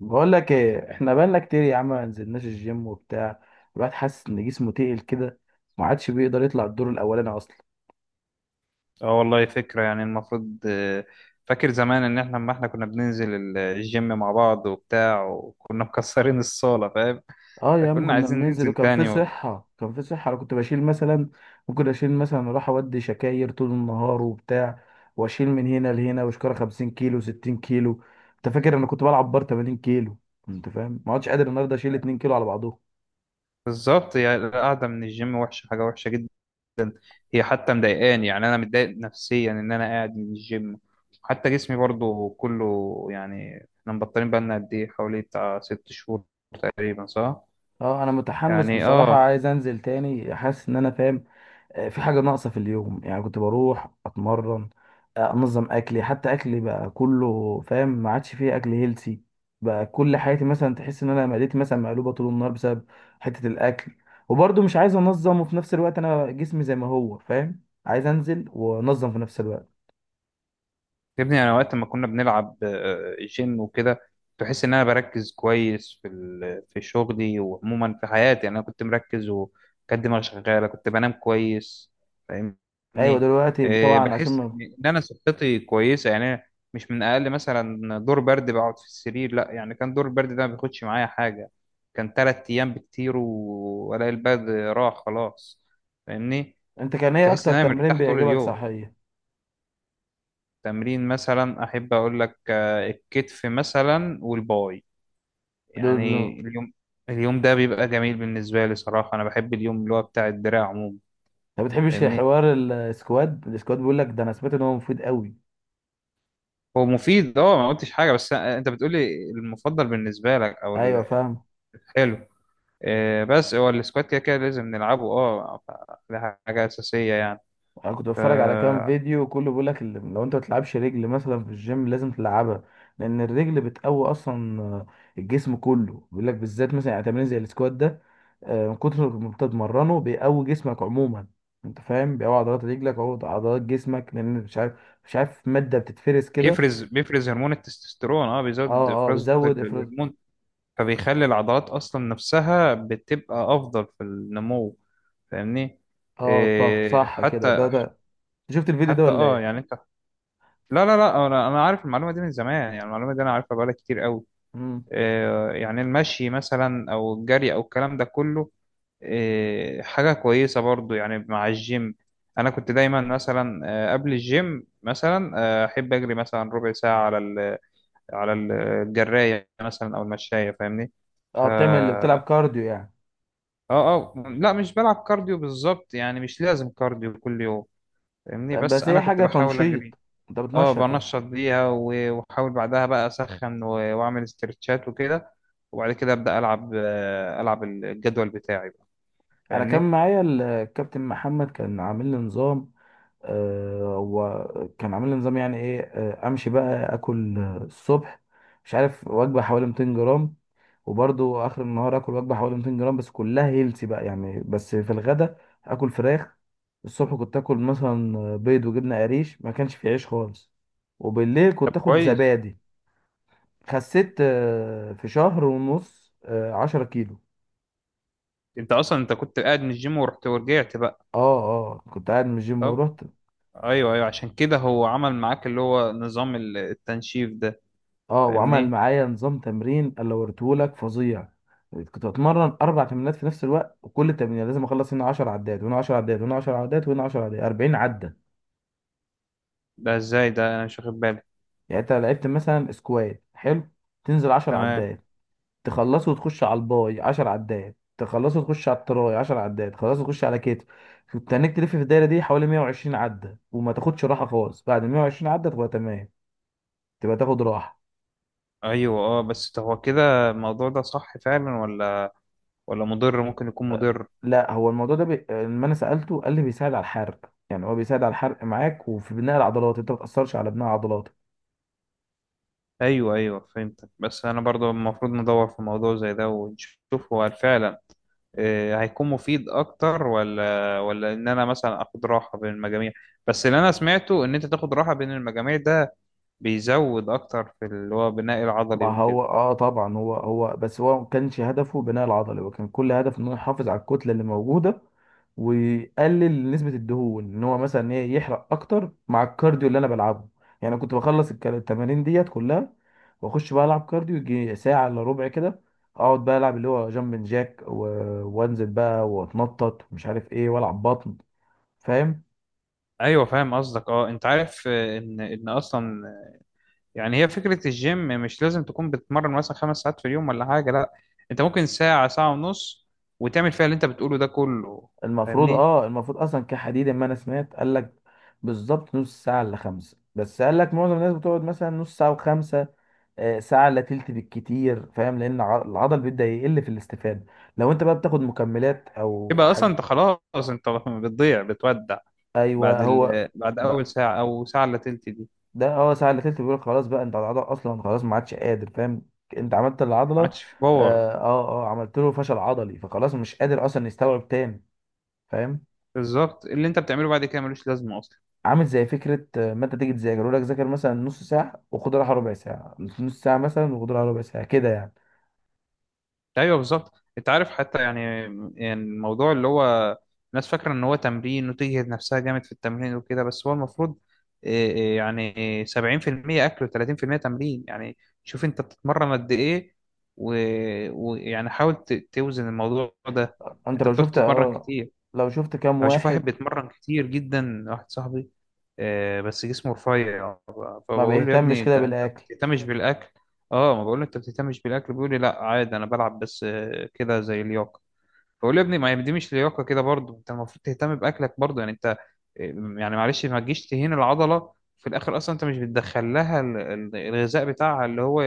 بقول لك ايه؟ احنا بقالنا كتير يا عم ما نزلناش الجيم وبتاع. الواحد حاسس ان جسمه تقل كده، ما عادش بيقدر يطلع الدور الاولاني اصلا. اه والله فكرة، يعني المفروض فاكر زمان ان احنا لما احنا كنا بننزل الجيم مع بعض وبتاع، وكنا مكسرين الصالة، فاهم؟ اه يا عم، فكنا كنا عايزين بننزل ننزل وكان في تاني. صحه، كان في صحه. انا كنت بشيل مثلا، ممكن اشيل مثلا، اروح اودي شكاير طول النهار وبتاع، واشيل من هنا لهنا وشكاره 50 كيلو، 60 كيلو. انت فاكر انا كنت بلعب بار 80 كيلو؟ انت فاهم، ما عادش قادر النهارده اشيل 2 كيلو على بعضهم. بالظبط، يعني القعدة من الجيم وحشة، حاجة وحشة جدا. هي حتى مضايقاني، يعني انا متضايق نفسيا ان انا قاعد من الجيم. حتى جسمي برضو كله، يعني احنا مبطلين بقالنا قد ايه، حوالي بتاع 6 شهور تقريبا، صح؟ اه انا متحمس يعني بصراحه، اه. عايز انزل تاني، حاسس ان انا فاهم. في حاجة ناقصة في اليوم، يعني كنت بروح أتمرن، أنظم أكلي. حتى أكلي بقى كله فاهم، ما عادش فيه أكل هيلسي، بقى كل حياتي مثلا تحس إن أنا معدتي مثلا مقلوبة طول النهار بسبب حتة الأكل. وبرضه مش عايز أنظم، وفي نفس الوقت أنا جسمي زي ما هو فاهم، عايز أنزل وأنظم في نفس الوقت. يا ابني انا وقت ما كنا بنلعب جيم وكده، تحس ان انا بركز كويس في في شغلي، وعموما في حياتي، يعني انا كنت مركز، وكانت دماغي شغاله، كنت بنام كويس، أيوة فاهمني؟ دلوقتي طبعا عشان بحس ما... ان انا صحتي كويسه، يعني أنا مش من اقل مثلا دور برد بقعد في السرير، لا، يعني كان دور البرد ده ما بياخدش معايا حاجه، كان 3 ايام بكتير، والاقي البرد راح خلاص، فاهمني؟ أنت كان إيه تحس أكتر ان انا تمرين مرتاح طول بيعجبك اليوم. صحية؟ تمرين مثلا احب اقول لك الكتف مثلا والباي، دول يعني أنت، اليوم، اليوم ده بيبقى جميل بالنسبه لي صراحه. انا بحب اليوم اللي هو بتاع الدراع عموما، ما بتحبش فاهمني؟ حوار السكواد؟ السكواد بيقول لك ده، أنا سمعت إن هو مفيد قوي. هو مفيد، اه، ما قلتش حاجه، بس انت بتقولي المفضل بالنسبه لك او أيوة فاهم. الحلو. بس هو السكوات كده كده لازم نلعبه، اه، ده حاجه اساسيه يعني. انا كنت ف- بتفرج على كام فيديو، كله بيقول لك لو انت ما بتلعبش رجل مثلا في الجيم لازم تلعبها، لان الرجل بتقوي اصلا. الجسم كله بيقول لك، بالذات مثلا يعني تمرين زي السكوات ده، من كتر ما انت بتتمرنه بيقوي جسمك عموما. انت فاهم، بيقوي عضلات رجلك، بيقوي عضلات جسمك، لان مش عارف، مش عارف، ماده بتتفرز كده. بيفرز هرمون التستوستيرون، اه بيزود اه اه افراز بيزود افراز. الهرمون، فبيخلي العضلات اصلا نفسها بتبقى افضل في النمو، فاهمني؟ اه صح، إيه صح كده، ده حتى، ده شفت الفيديو ده حتى ولا اه، ايه؟ يعني انت، لا انا، أنا عارف المعلومه دي من زمان، يعني المعلومه دي انا عارفها بقالها كتير قوي. مم. إيه يعني المشي مثلا او الجري او الكلام ده كله، إيه، حاجه كويسه برضو يعني مع الجيم. انا كنت دايما مثلا، قبل الجيم مثلا، احب اجري مثلا ربع ساعه على ال، على الجرايه مثلا او المشايه، فاهمني؟ ف اه بتعمل اللي بتلعب اه كارديو يعني. اه لا، مش بلعب كارديو بالظبط، يعني مش لازم كارديو كل يوم، فاهمني؟ بس بس انا هي كنت حاجه بحاول تنشيط، اجري. انت اه بتنشط يعني. بنشط بيها، واحاول بعدها بقى اسخن واعمل استرتشات وكده، وبعد كده ابدا العب، العب الجدول بتاعي بقى، انا كان فاهمني؟ معايا الكابتن محمد، كان عامل لي نظام، آه، هو كان عامل لي نظام يعني ايه؟ امشي بقى، اكل الصبح مش عارف وجبه حوالي 200 جرام، وبرضو اخر النهار اكل وجبه حوالي 200 جرام، بس كلها هيلثي بقى يعني. بس في الغدا اكل فراخ. الصبح كنت اكل مثلا بيض وجبنه قريش، ما كانش فيه عيش خالص. وبالليل طب كنت اخد كويس. زبادي. خسيت في شهر ونص 10 كيلو. انت اصلا انت كنت قاعد من الجيم ورحت ورجعت بقى. اه كنت قاعد من الجيم طب، ورحت. ايوه ايوه، عشان كده هو عمل معاك اللي هو نظام التنشيف ده. اه، وعمل فاهمني؟ معايا نظام تمرين اللي وريتهولك فظيع. كنت بتمرن اربع تمرينات في نفس الوقت، وكل تمرين لازم اخلص هنا 10 عدات، وهنا 10 عدات، وهنا 10 عدات، وهنا 10 عدات، 40 عده. ده ازاي؟ ده انا مش واخد بالي. يعني انت لعبت مثلا سكوات حلو، تنزل 10 تمام. عدات، تخلصه وتخش على الباي 10 عدات، تخلصه وتخش على التراي 10 عدات، تخلصه وتخش على كتف. كنت هناك تلف في الدايره دي حوالي 120 عده، وما تاخدش راحه خالص، بعد 120 عده تبقى تمام، تبقى تاخد راحه. ايوه اه، بس ده هو كده الموضوع ده صح فعلا، ولا مضر؟ ممكن يكون مضر. لا، هو الموضوع ده لما انا سالته قال لي بيساعد على الحرق، يعني هو بيساعد على الحرق معاك وفي بناء العضلات، انت ما بتاثرش على بناء عضلاتك. ايوه ايوه فهمتك، بس انا برضو المفروض ندور في موضوع زي ده ونشوف هو فعلا هيكون مفيد اكتر، ولا ان انا مثلا اخد راحه بين المجاميع. بس اللي انا سمعته ان انت تاخد راحه بين المجاميع ده بيزود اكتر في اللي هو بناء ما العضلي وكده. هو اه طبعا، هو بس هو ما كانش هدفه بناء العضلي، هو كان كل هدفه انه يحافظ على الكتله اللي موجوده، ويقلل نسبه الدهون، ان هو مثلا ايه، يحرق اكتر مع الكارديو اللي انا بلعبه. يعني أنا كنت بخلص التمارين ديت كلها، واخش بقى العب كارديو يجي ساعه الا ربع كده. اقعد بقى العب اللي هو جامب جاك و... وانزل بقى واتنطط ومش عارف ايه والعب بطن، فاهم. ايوه فاهم قصدك، اه، انت عارف ان اصلا، يعني هي فكره الجيم مش لازم تكون بتتمرن مثلا 5 ساعات في اليوم ولا حاجه، لا، انت ممكن ساعه، ساعه ونص، وتعمل فيها اللي انت بتقوله ده كله، المفروض فاهمني؟ اه، المفروض اصلا كحديد، ما انا سمعت قال لك بالظبط نص ساعه الا خمسه، بس قال لك معظم الناس بتقعد مثلا نص ساعه وخمسه، ساعه الا تلت بالكتير، فاهم، لان العضل بيبدا يقل في الاستفاده، لو انت بقى بتاخد مكملات او يبقى اصلا حاجه. انت خلاص، انت بتضيع، بتودع ايوه بعد هو. بعد ب- اول ساعه او ساعه الا تلت دي ده اه ساعه الا تلت، بيقول خلاص بقى انت العضل اصلا خلاص ما عادش قادر، فاهم، انت عملت العضله. ما اه عادش في باور. اه عملت له فشل عضلي، فخلاص مش قادر اصلا يستوعب تاني، فاهم. بالظبط، اللي انت بتعمله بعد كده ملوش لازمه اصلا. عامل زي فكره، ما انت تيجي تذاكر، يقول لك ذاكر مثلا نص ساعه وخد راحه ربع ساعه، نص ساعه مثلا وخد راحه ربع ساعه كده يعني. ايوه بالظبط، انت عارف حتى، يعني يعني الموضوع اللي هو، الناس فاكره ان هو تمرين، وتجهد نفسها جامد في التمرين وكده، بس هو المفروض إيه إيه يعني، 70% اكل و30% تمرين يعني. شوف انت بتتمرن قد ايه، ويعني ويعني حاول توزن الموضوع ده. انت انت لو بتقعد شفت تتمرن اه، كتير. لو شفت كام انا بشوف واحد واحد بيتمرن كتير جدا، واحد صاحبي، بس جسمه رفيع، ما فبقول له يا بيهتمش ابني انت كده انت ما بالاكل، بتهتمش بالاكل. اه، ما بقول له انت ما بتهتمش بالاكل، بيقول لي لا عادي، انا بلعب بس كده زي لياقه. بقول له يا ابني ما هي دي مش لياقه كده برضه، انت المفروض تهتم باكلك برضه، يعني انت يعني معلش ما تجيش تهين العضله في الاخر، اصلا انت مش بتدخل لها الغذاء بتاعها اللي هو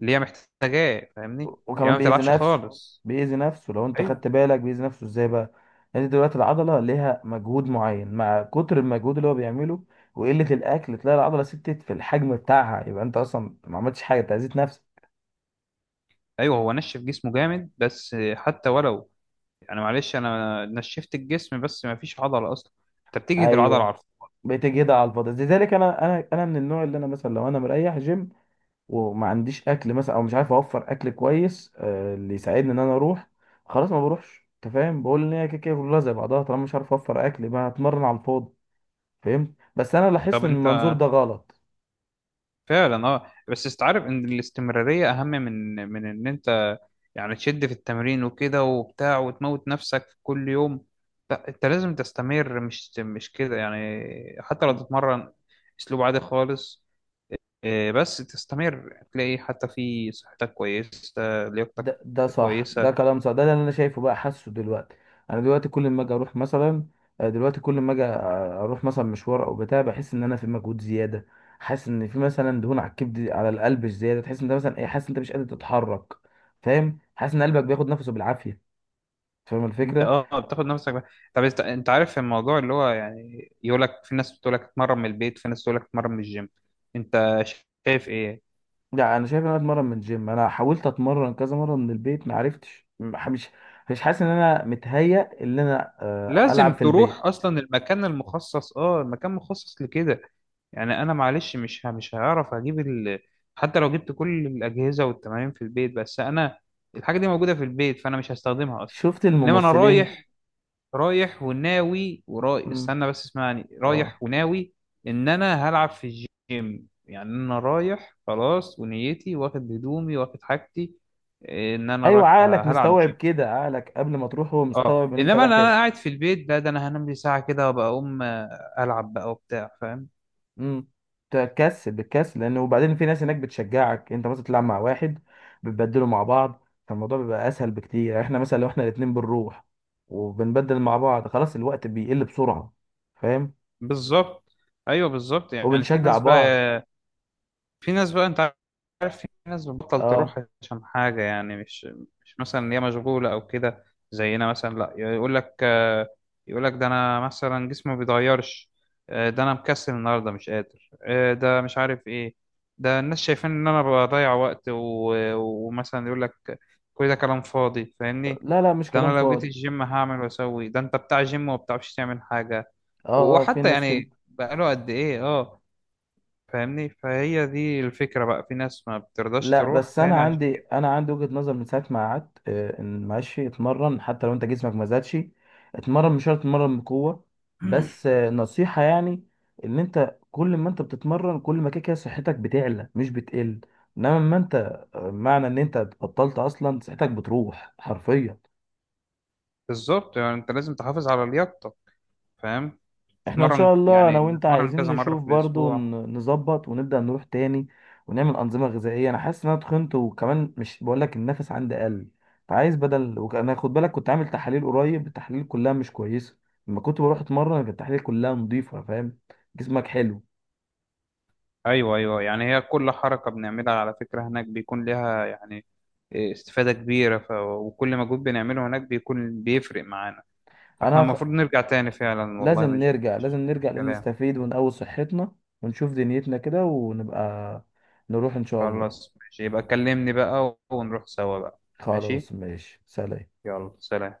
اللي هي محتاجاه، فاهمني؟ يعني وكمان ما بيأذي بتلعبش نفسه. خالص. بيأذي نفسه، لو انت ايوه خدت بالك بيأذي نفسه ازاي بقى؟ انت دلوقتي العضله ليها مجهود معين، مع كتر المجهود اللي هو بيعمله وقله الاكل، تلاقي العضله ستت في الحجم بتاعها، يبقى انت اصلا ما عملتش حاجه، انت اذيت نفسك. ايوه، هو نشف جسمه جامد بس حتى ولو، انا معلش، انا نشفت الجسم بس ما فيش عضله اصلا، انت بتجهد العضله، ايوه عارف؟ بتجهدها على الفاضي. لذلك انا، انا من النوع اللي انا مثلا لو انا مريح جيم وما عنديش اكل مثلا، او مش عارف اوفر اكل كويس اللي يساعدني ان انا اروح، خلاص ما بروحش. انت فاهم، بقول ان هي كده كده كلها زي بعضها، طالما مش عارف اوفر اكل، ما هتمرن على الفاضي. فهمت؟ بس انا لاحظت طب ان انت، المنظور ده غلط. فعلا اه، بس استعرف ان الاستمراريه اهم من ان انت يعني تشد في التمرين وكده وبتاع، وتموت نفسك في كل يوم، لا، انت لازم تستمر، مش كده يعني. حتى لو م. تتمرن اسلوب عادي خالص، بس تستمر، تلاقي حتى في صحتك كويسه، لياقتك ده ده صح، ده كويسه. كلام صح، ده اللي انا شايفه بقى، حاسه دلوقتي. انا دلوقتي كل ما اجي اروح مثلا، دلوقتي كل ما اجي اروح مثلا مشوار او بتاع، بحس ان انا في مجهود زياده، حاسس ان في مثلا دهون على الكبد، على القلب زياده، تحس ان انت مثلا ايه، حاسس ان انت مش قادر تتحرك، فاهم، حاسس ان قلبك بياخد نفسه بالعافيه، فاهم انت الفكره. اه بتاخد نفسك بقى. طب انت، انت عارف الموضوع اللي هو، يعني يقول لك في ناس بتقول لك اتمرن من البيت، في ناس تقول لك اتمرن من الجيم، انت شايف ايه؟ لا انا شايف ان انا اتمرن من الجيم. انا حاولت اتمرن كذا مره من البيت، ما عرفتش، مش حاسس ان انا متهيأ ان انا العب لازم في البيت. تروح اصلا المكان المخصص، اه المكان مخصص لكده، يعني انا معلش مش مش هعرف اجيب. حتى لو جبت كل الاجهزه والتمارين في البيت، بس انا الحاجه دي موجوده في البيت فانا مش هستخدمها اصلا. شفت انما انا الممثلين؟ رايح، رايح وناوي وراي، مم. استنى بس اسمعني، رايح اه وناوي ان انا هلعب في الجيم، يعني انا رايح خلاص ونيتي، واخد هدومي واخد حاجتي ان انا ايوه، رايح عقلك هلعب مستوعب جيم. كده، عقلك قبل ما تروح هو اه، مستوعب ان انت انما انا، رايح أنا تلعب. قاعد في البيت، ده انا هنام لي ساعه كده وابقى اقوم، العب بقى وبتاع، فاهم؟ امم. تكسل، بتكسل، لان وبعدين في ناس هناك بتشجعك، انت مثلا تلعب مع واحد، بتبدلوا مع بعض، فالموضوع بيبقى اسهل بكتير. يعني احنا مثلا لو احنا الاتنين بنروح وبنبدل مع بعض، خلاص الوقت بيقل بسرعه، فاهم، بالظبط. ايوه بالظبط، يعني في وبنشجع ناس بعض. بقى، انت عارف، في ناس بتبطل اه. تروح عشان حاجة، يعني مش مثلا إن هي مشغولة أو كده، زينا مثلا، لا، يقول لك يقول لك ده أنا مثلا جسمي ما بيتغيرش، ده أنا مكسل النهاردة مش قادر، ده مش عارف إيه، ده الناس شايفين إن أنا بضيع وقت ومثلا يقول لك كل ده كلام فاضي، فاهمني؟ لا لا، مش ده كلام أنا لو جيت فاضي. الجيم هعمل وأسوي، ده أنت بتاع جيم وما بتعرفش تعمل حاجة، اه اه، في وحتى ناس كده. يعني بقاله قد إيه، أه. فاهمني؟ فهي دي الفكرة بقى، في ناس ما بترضاش لا تروح بس انا تاني عشان عندي، انا عندي وجهة نظر من ساعه ما قعدت، ان ماشي اتمرن حتى لو انت جسمك ما زادش، اتمرن، مش شرط اتمرن بقوه، بس نصيحه يعني، ان انت كل ما انت بتتمرن، كل ما كده كده صحتك بتعلى، مش بتقل، انما ما انت معنى ان انت بطلت اصلا صحتك بتروح حرفيا. بالظبط، يعني انت لازم تحافظ على لياقتك، فاهم؟ احنا ان شاء تتمرن، الله انا يعني وانت تتمرن عايزين كذا مرة نشوف في برضو، الأسبوع. نظبط ونبدأ نروح تاني ونعمل انظمة غذائية. انا حاسس ان انا تخنت، وكمان مش بقول لك النفس عندي قل، فعايز بدل، انا خد بالك كنت عامل تحاليل قريب، التحاليل كلها مش كويسة. لما كنت بروح اتمرن كانت التحاليل كلها نظيفة، فاهم، جسمك حلو. أيوه أيوه، يعني هي كل حركة بنعملها على فكرة هناك بيكون لها يعني استفادة كبيرة، وكل مجهود بنعمله هناك بيكون بيفرق معانا. فاحنا انا خ... المفروض نرجع تاني فعلا، والله لازم مش نرجع، لازم مش نرجع لان كلام. نستفيد ونقوي صحتنا ونشوف دنيتنا كده، ونبقى نروح ان شاء الله. خلاص ماشي، يبقى كلمني بقى ونروح سوا بقى. خلاص ماشي، ماشي، سلام. يلا سلام.